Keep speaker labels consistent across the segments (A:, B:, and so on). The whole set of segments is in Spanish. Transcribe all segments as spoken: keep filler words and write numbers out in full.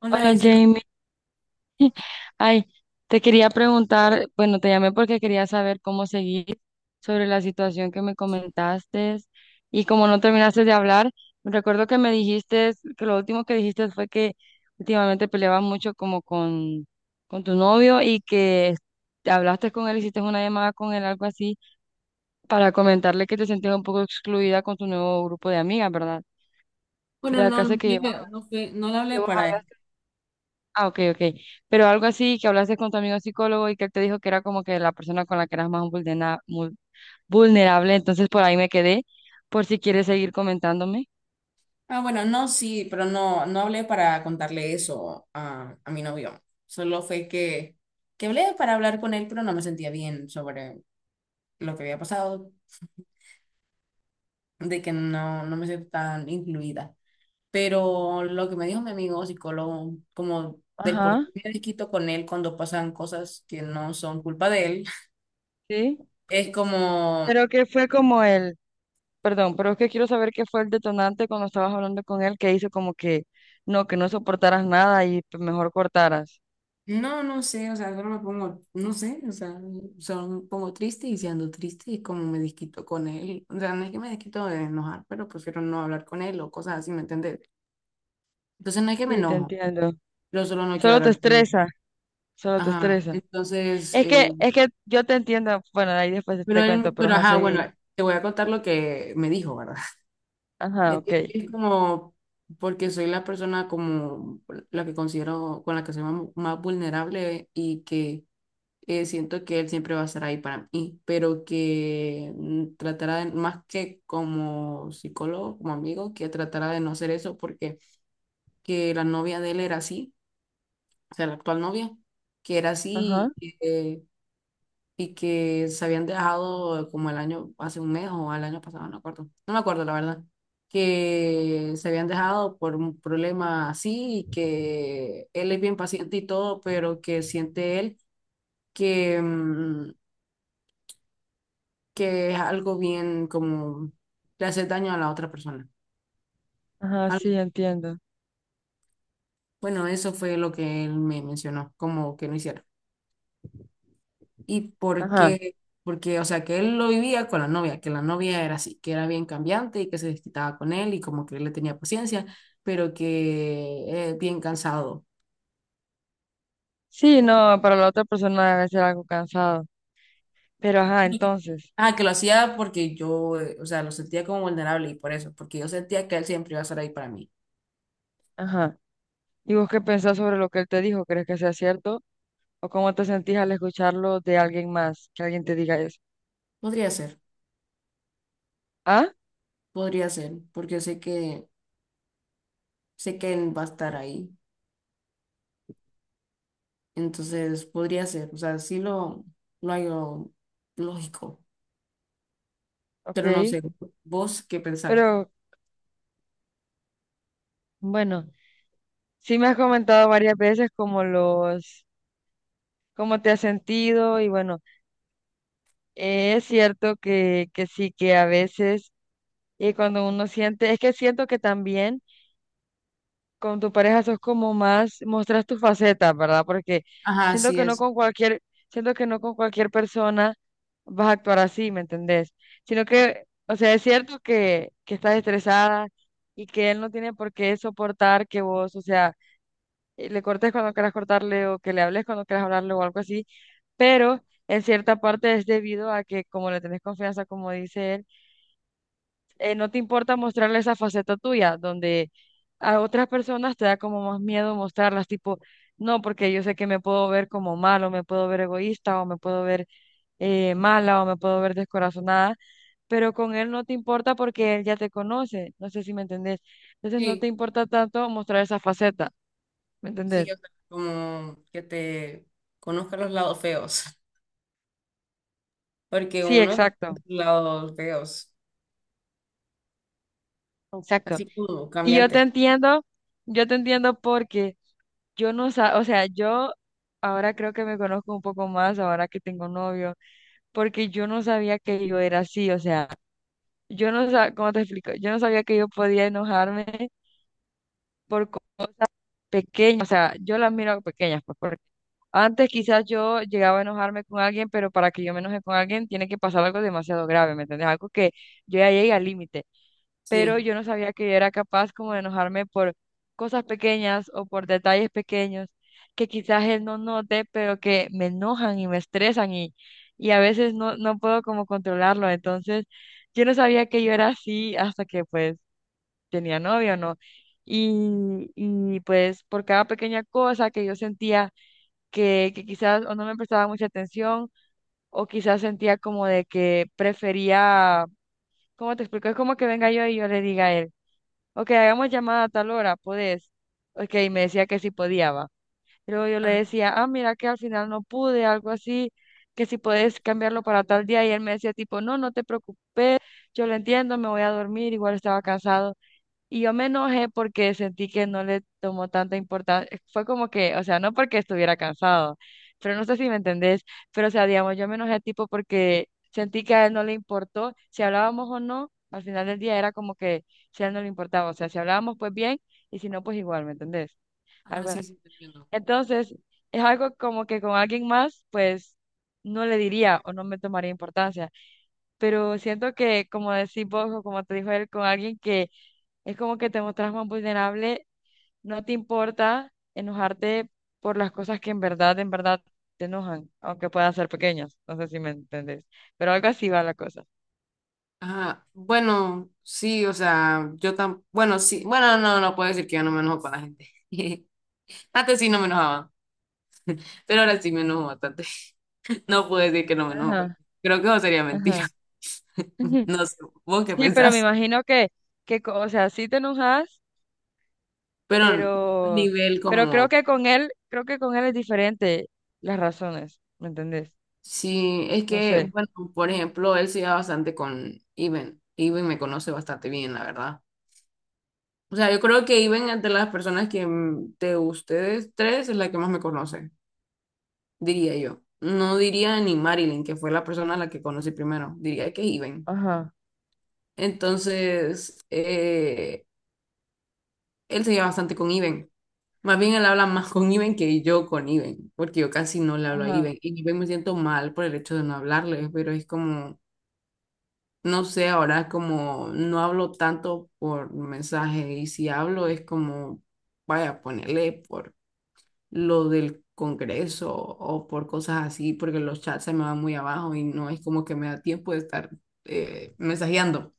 A: Hola,
B: Hola
A: Isel.
B: Jamie, ay, te quería preguntar, bueno, te llamé porque quería saber cómo seguir sobre la situación que me comentaste y como no terminaste de hablar, recuerdo que me dijiste, que lo último que dijiste fue que últimamente peleabas mucho como con, con tu novio y que te hablaste con él, hiciste una llamada con él, algo así, para comentarle que te sentías un poco excluida con tu nuevo grupo de amigas, ¿verdad?
A: Bueno,
B: La
A: no,
B: clase
A: no,
B: que
A: fue-
B: llevabas,
A: no, fue- no le
B: que
A: hablé
B: vos
A: para él.
B: hablaste. Ah, ok, ok. Pero algo así que hablaste con tu amigo psicólogo y que él te dijo que era como que la persona con la que eras más vulnera- mul- vulnerable, entonces por ahí me quedé, por si quieres seguir comentándome.
A: Ah, bueno, no, sí, pero no, no hablé para contarle eso a, a mi novio. Solo fue que, que hablé para hablar con él, pero no me sentía bien sobre lo que había pasado, de que no, no me sentía tan incluida. Pero lo que me dijo mi amigo psicólogo, como del por qué
B: Ajá.
A: me desquito con él cuando pasan cosas que no son culpa de él,
B: Sí.
A: es como.
B: Pero que fue como el, perdón, pero es que quiero saber qué fue el detonante cuando estabas hablando con él que hizo como que no, que no soportaras nada y pues, mejor cortaras.
A: No, no sé, o sea, solo me pongo, no sé, o sea, solo me pongo triste y si ando triste y como me desquito con él, o sea, no es que me desquito de enojar, pero prefiero no hablar con él o cosas así, ¿me entiendes? Entonces no es que me
B: Sí, te
A: enojo,
B: entiendo.
A: yo solo no quiero
B: Solo te
A: hablar con él.
B: estresa, solo te
A: Ajá,
B: estresa.
A: entonces,
B: Es que,
A: eh,
B: es que yo te entiendo, bueno, ahí después
A: pero
B: te cuento,
A: él,
B: pero
A: pero
B: ajá,
A: ajá, bueno,
B: seguí.
A: te voy a contar lo que me dijo, ¿verdad?
B: Ajá,
A: Es
B: ok.
A: que es como, porque soy la persona como la que considero, con la que soy más más vulnerable y que eh, siento que él siempre va a estar ahí para mí, pero que mm, tratará de, más que como psicólogo, como amigo, que tratará de no hacer eso porque que la novia de él era así, o sea, la actual novia, que era
B: Ajá.
A: así y que, y que se habían dejado como el año, hace un mes o al año pasado, no me acuerdo, no me acuerdo la verdad, que se habían dejado por un problema así y que él es bien paciente y todo, pero que siente él que... mm, que es algo bien como le hace daño a la otra persona.
B: Ajá, sí,
A: Algo-
B: entiendo.
A: Bueno, eso fue lo que él me mencionó, como que no hiciera. ¿Y por
B: Ajá.
A: qué? Porque, o sea, que él lo vivía con la novia, que la novia era así, que era bien cambiante y que se desquitaba con él y como que él le tenía paciencia, pero que eh, bien cansado.
B: Sí, no, para la otra persona debe ser algo cansado. Pero ajá, entonces,
A: Ah, que lo hacía porque yo, eh, o sea, lo sentía como vulnerable y por eso, porque yo sentía que él siempre iba a estar ahí para mí.
B: ajá. ¿Y vos qué pensás sobre lo que él te dijo? ¿Crees que sea cierto? ¿O cómo te sentís al escucharlo de alguien más, que alguien te diga eso?
A: Podría ser,
B: Ah,
A: podría ser, porque sé que, sé que él va a estar ahí. Entonces podría ser, o sea, sí lo, lo hallo lógico, pero no
B: ok.
A: sé, vos qué pensás.
B: Pero bueno, sí me has comentado varias veces como los, cómo te has sentido y bueno, eh, es cierto que, que sí, que a veces, y cuando uno siente, es que siento que también con tu pareja sos como más, mostras tu faceta, ¿verdad? Porque
A: Ajá,
B: siento
A: sí,
B: que no
A: es.
B: con cualquier, siento que no con cualquier persona vas a actuar así, ¿me entendés? Sino que, o sea, es cierto que, que estás estresada y que él no tiene por qué soportar que vos, o sea, eh, le cortes cuando quieras cortarle o que le hables cuando quieras hablarle o algo así, pero en cierta parte es debido a que como le tenés confianza, como dice él, eh, no te importa mostrarle esa faceta tuya, donde a otras personas te da como más miedo mostrarlas, tipo, no, porque yo sé que me puedo ver como malo, me puedo ver egoísta, o me puedo ver eh, mala, o me puedo ver descorazonada, pero con él no te importa porque él ya te conoce, no sé si me entendés. Entonces no te
A: Sí.
B: importa tanto mostrar esa faceta, ¿me
A: Sí,
B: entendés?
A: o sea, como que te conozca los lados feos, porque
B: Sí,
A: uno
B: exacto,
A: tiene lados feos,
B: exacto.
A: así como
B: Y yo te
A: cambiantes.
B: entiendo, yo te entiendo porque Yo no sa- o sea, yo ahora creo que me conozco un poco más ahora que tengo novio, porque yo no sabía que yo era así, o sea, yo no sabía, ¿cómo te explico? Yo no sabía que yo podía enojarme por cosas pequeñas, o sea, yo las miro pequeñas, pues, porque antes quizás yo llegaba a enojarme con alguien, pero para que yo me enoje con alguien tiene que pasar algo demasiado grave, ¿me entiendes? Algo que yo ya llegue al límite, pero
A: Sí.
B: yo no sabía que era capaz como de enojarme por cosas pequeñas o por detalles pequeños que quizás él no note, pero que me enojan y me estresan y, y a veces no, no puedo como controlarlo. Entonces, yo no sabía que yo era así hasta que pues tenía novio, ¿no? Y, y pues por cada pequeña cosa que yo sentía que, que quizás o no me prestaba mucha atención o quizás sentía como de que prefería, ¿cómo te explico? Es como que venga yo y yo le diga a él. Ok, hagamos llamada a tal hora, ¿podés? Ok, y me decía que sí podía, va. Y luego yo le
A: Ajá,
B: decía, ah, mira que al final no pude, algo así, que si podés cambiarlo para tal día. Y él me decía tipo, no, no te preocupes, yo lo entiendo, me voy a dormir, igual estaba cansado. Y yo me enojé porque sentí que no le tomó tanta importancia. Fue como que, o sea, no porque estuviera cansado, pero no sé si me entendés, pero o sea, digamos, yo me enojé tipo porque sentí que a él no le importó si hablábamos o no, al final del día era como que si a él no le importaba, o sea, si hablábamos pues bien y si no pues igual, ¿me entendés?
A: ajá,
B: Algo
A: sí,
B: así.
A: sí, te entiendo.
B: Entonces, es algo como que con alguien más pues no le diría o no me tomaría importancia, pero siento que como decís vos o como te dijo él, con alguien que es como que te mostras más vulnerable, no te importa enojarte por las cosas que en verdad, en verdad te enojan, aunque puedan ser pequeñas, no sé si me entendés, pero algo así va la cosa.
A: Ajá, bueno, sí, o sea, yo tan, bueno, sí, bueno, no, no puedo decir que yo no me enojo con la gente. Antes sí no me enojaba, pero ahora sí me enojo bastante. No puedo decir que no me enojo con él.
B: Ajá,
A: Creo que eso sería mentira.
B: ajá.
A: No sé, vos qué
B: Sí, pero me
A: pensás.
B: imagino que, que, co- o sea, sí te enojas,
A: Pero a
B: pero,
A: nivel
B: pero creo
A: como,
B: que con él, creo que con él es diferente las razones, ¿me entendés?
A: sí, es
B: No
A: que,
B: sé.
A: bueno, por ejemplo, él se lleva bastante con Iben. Iben me conoce bastante bien, la verdad. O sea, yo creo que Iben es de las personas que mm, de ustedes tres es la que más me conoce, diría yo. No diría ni Marilyn, que fue la persona a la que conocí primero, diría que Iben.
B: Ajá,
A: Entonces, eh, él se lleva bastante con Iben. Más bien él habla más con Iben que yo con Iben, porque yo casi no le hablo a
B: ajá.
A: Iben. Y Iben me siento mal por el hecho de no hablarle, pero es como, no sé, ahora como no hablo tanto por mensaje y si hablo es como, vaya, ponerle por lo del Congreso o por cosas así, porque los chats se me van muy abajo y no es como que me da tiempo de estar eh, mensajeando.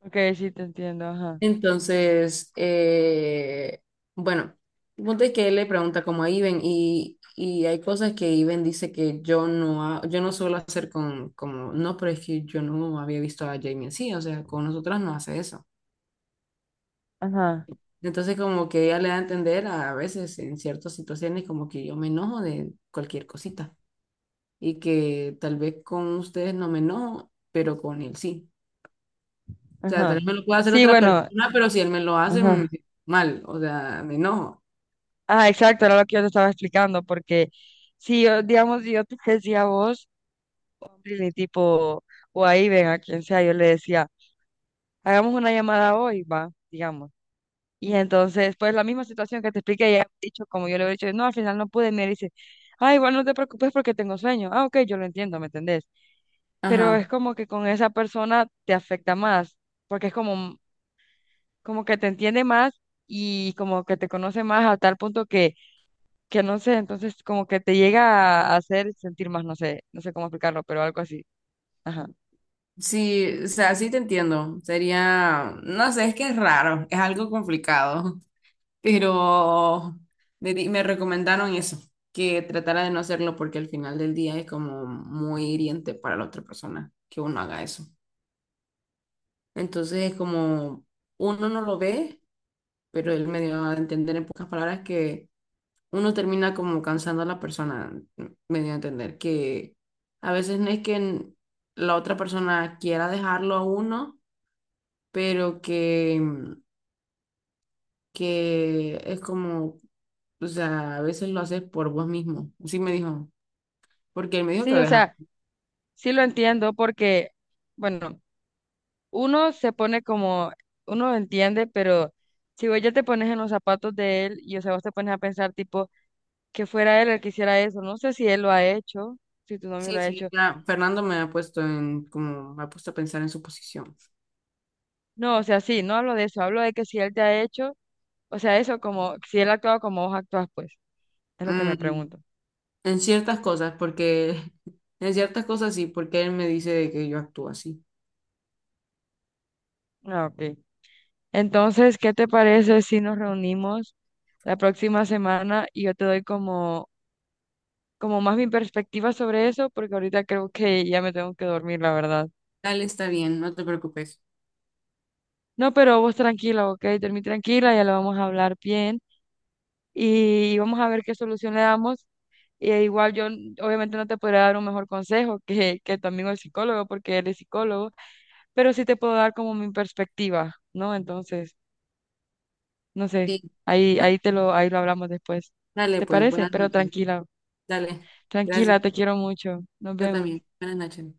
B: Ok, sí te entiendo, ajá,
A: Entonces, eh, bueno, el punto es que él le pregunta como a Iben y, y hay cosas que Iben dice que yo no, ha- yo no suelo hacer con, como, no, pero es que yo no había visto a Jamie así, o sea, con nosotras no hace eso.
B: ajá,
A: Entonces, como que ella le da a entender a veces en ciertas situaciones como que yo me enojo de cualquier cosita y que tal vez con ustedes no me enojo, pero con él sí. O sea, tal vez
B: ajá.
A: me lo pueda hacer
B: Sí,
A: otra
B: bueno,
A: persona, pero si él me lo hace, me
B: ajá.
A: siento mal, o sea, me enojo.
B: Ah, exacto, era lo que yo te estaba explicando, porque si yo, digamos, si yo te decía a vos, ni tipo, o ahí ven a quien sea, yo le decía, hagamos una llamada hoy, va, digamos. Y entonces, pues la misma situación que te expliqué, ella ha dicho, como yo le he dicho, no, al final no pude, y me dice, ah, igual no te preocupes porque tengo sueño. Ah, ok, yo lo entiendo, ¿me entendés? Pero es
A: Ajá.
B: como que con esa persona te afecta más, porque es como, como que te entiende más y como que te conoce más a tal punto que que no sé, entonces como que te llega a hacer sentir más, no sé, no sé cómo explicarlo, pero algo así. Ajá.
A: Sí, o sea, sí te entiendo. Sería, no sé, es que es raro, es algo complicado, pero me, di- me recomendaron eso, que tratara de no hacerlo porque al final del día es como muy hiriente para la otra persona que uno haga eso. Entonces es como uno no lo ve, pero él me dio a entender en pocas palabras que uno termina como cansando a la persona, me dio a entender que a veces no es que la otra persona quiera dejarlo a uno pero que, mm, que es como, o sea, a veces lo haces por vos mismo. Sí me dijo, porque él me dijo
B: Sí,
A: que
B: o
A: viajaba.
B: sea, sí lo entiendo porque, bueno, uno se pone como, uno lo entiende, pero si vos ya te pones en los zapatos de él y, o sea, vos te pones a pensar tipo que fuera él el que hiciera eso, no sé si él lo ha hecho, si tu novio
A: Sí,
B: lo ha hecho.
A: sí, ya Fernando me ha puesto en, como, me ha puesto a pensar en su posición.
B: No, o sea, sí, no hablo de eso, hablo de que si él te ha hecho, o sea, eso como, si él ha actuado como vos actúas, pues, es lo que me
A: Mm,
B: pregunto.
A: en ciertas cosas, porque, en ciertas cosas sí, porque él me dice de que yo actúo así.
B: Ah, ok. Entonces, ¿qué te parece si nos reunimos la próxima semana y yo te doy como, como más mi perspectiva sobre eso? Porque ahorita creo que ya me tengo que dormir, la verdad.
A: Dale, está bien, no te preocupes.
B: No, pero vos tranquila, ¿ok? Dormí tranquila, ya lo vamos a hablar bien y vamos a ver qué solución le damos. Y igual yo n- obviamente no te podré dar un mejor consejo que, que tu amigo el psicólogo, porque él es psicólogo, pero sí te puedo dar como mi perspectiva, ¿no? Entonces, no sé,
A: Sí.
B: ahí,
A: No,
B: ahí te lo, ahí lo hablamos después.
A: dale,
B: ¿Te
A: pues,
B: parece?
A: buenas
B: Pero
A: noches.
B: tranquila.
A: Dale, gracias.
B: Tranquila, te quiero mucho. Nos
A: Yo
B: vemos.
A: también. Buenas noches.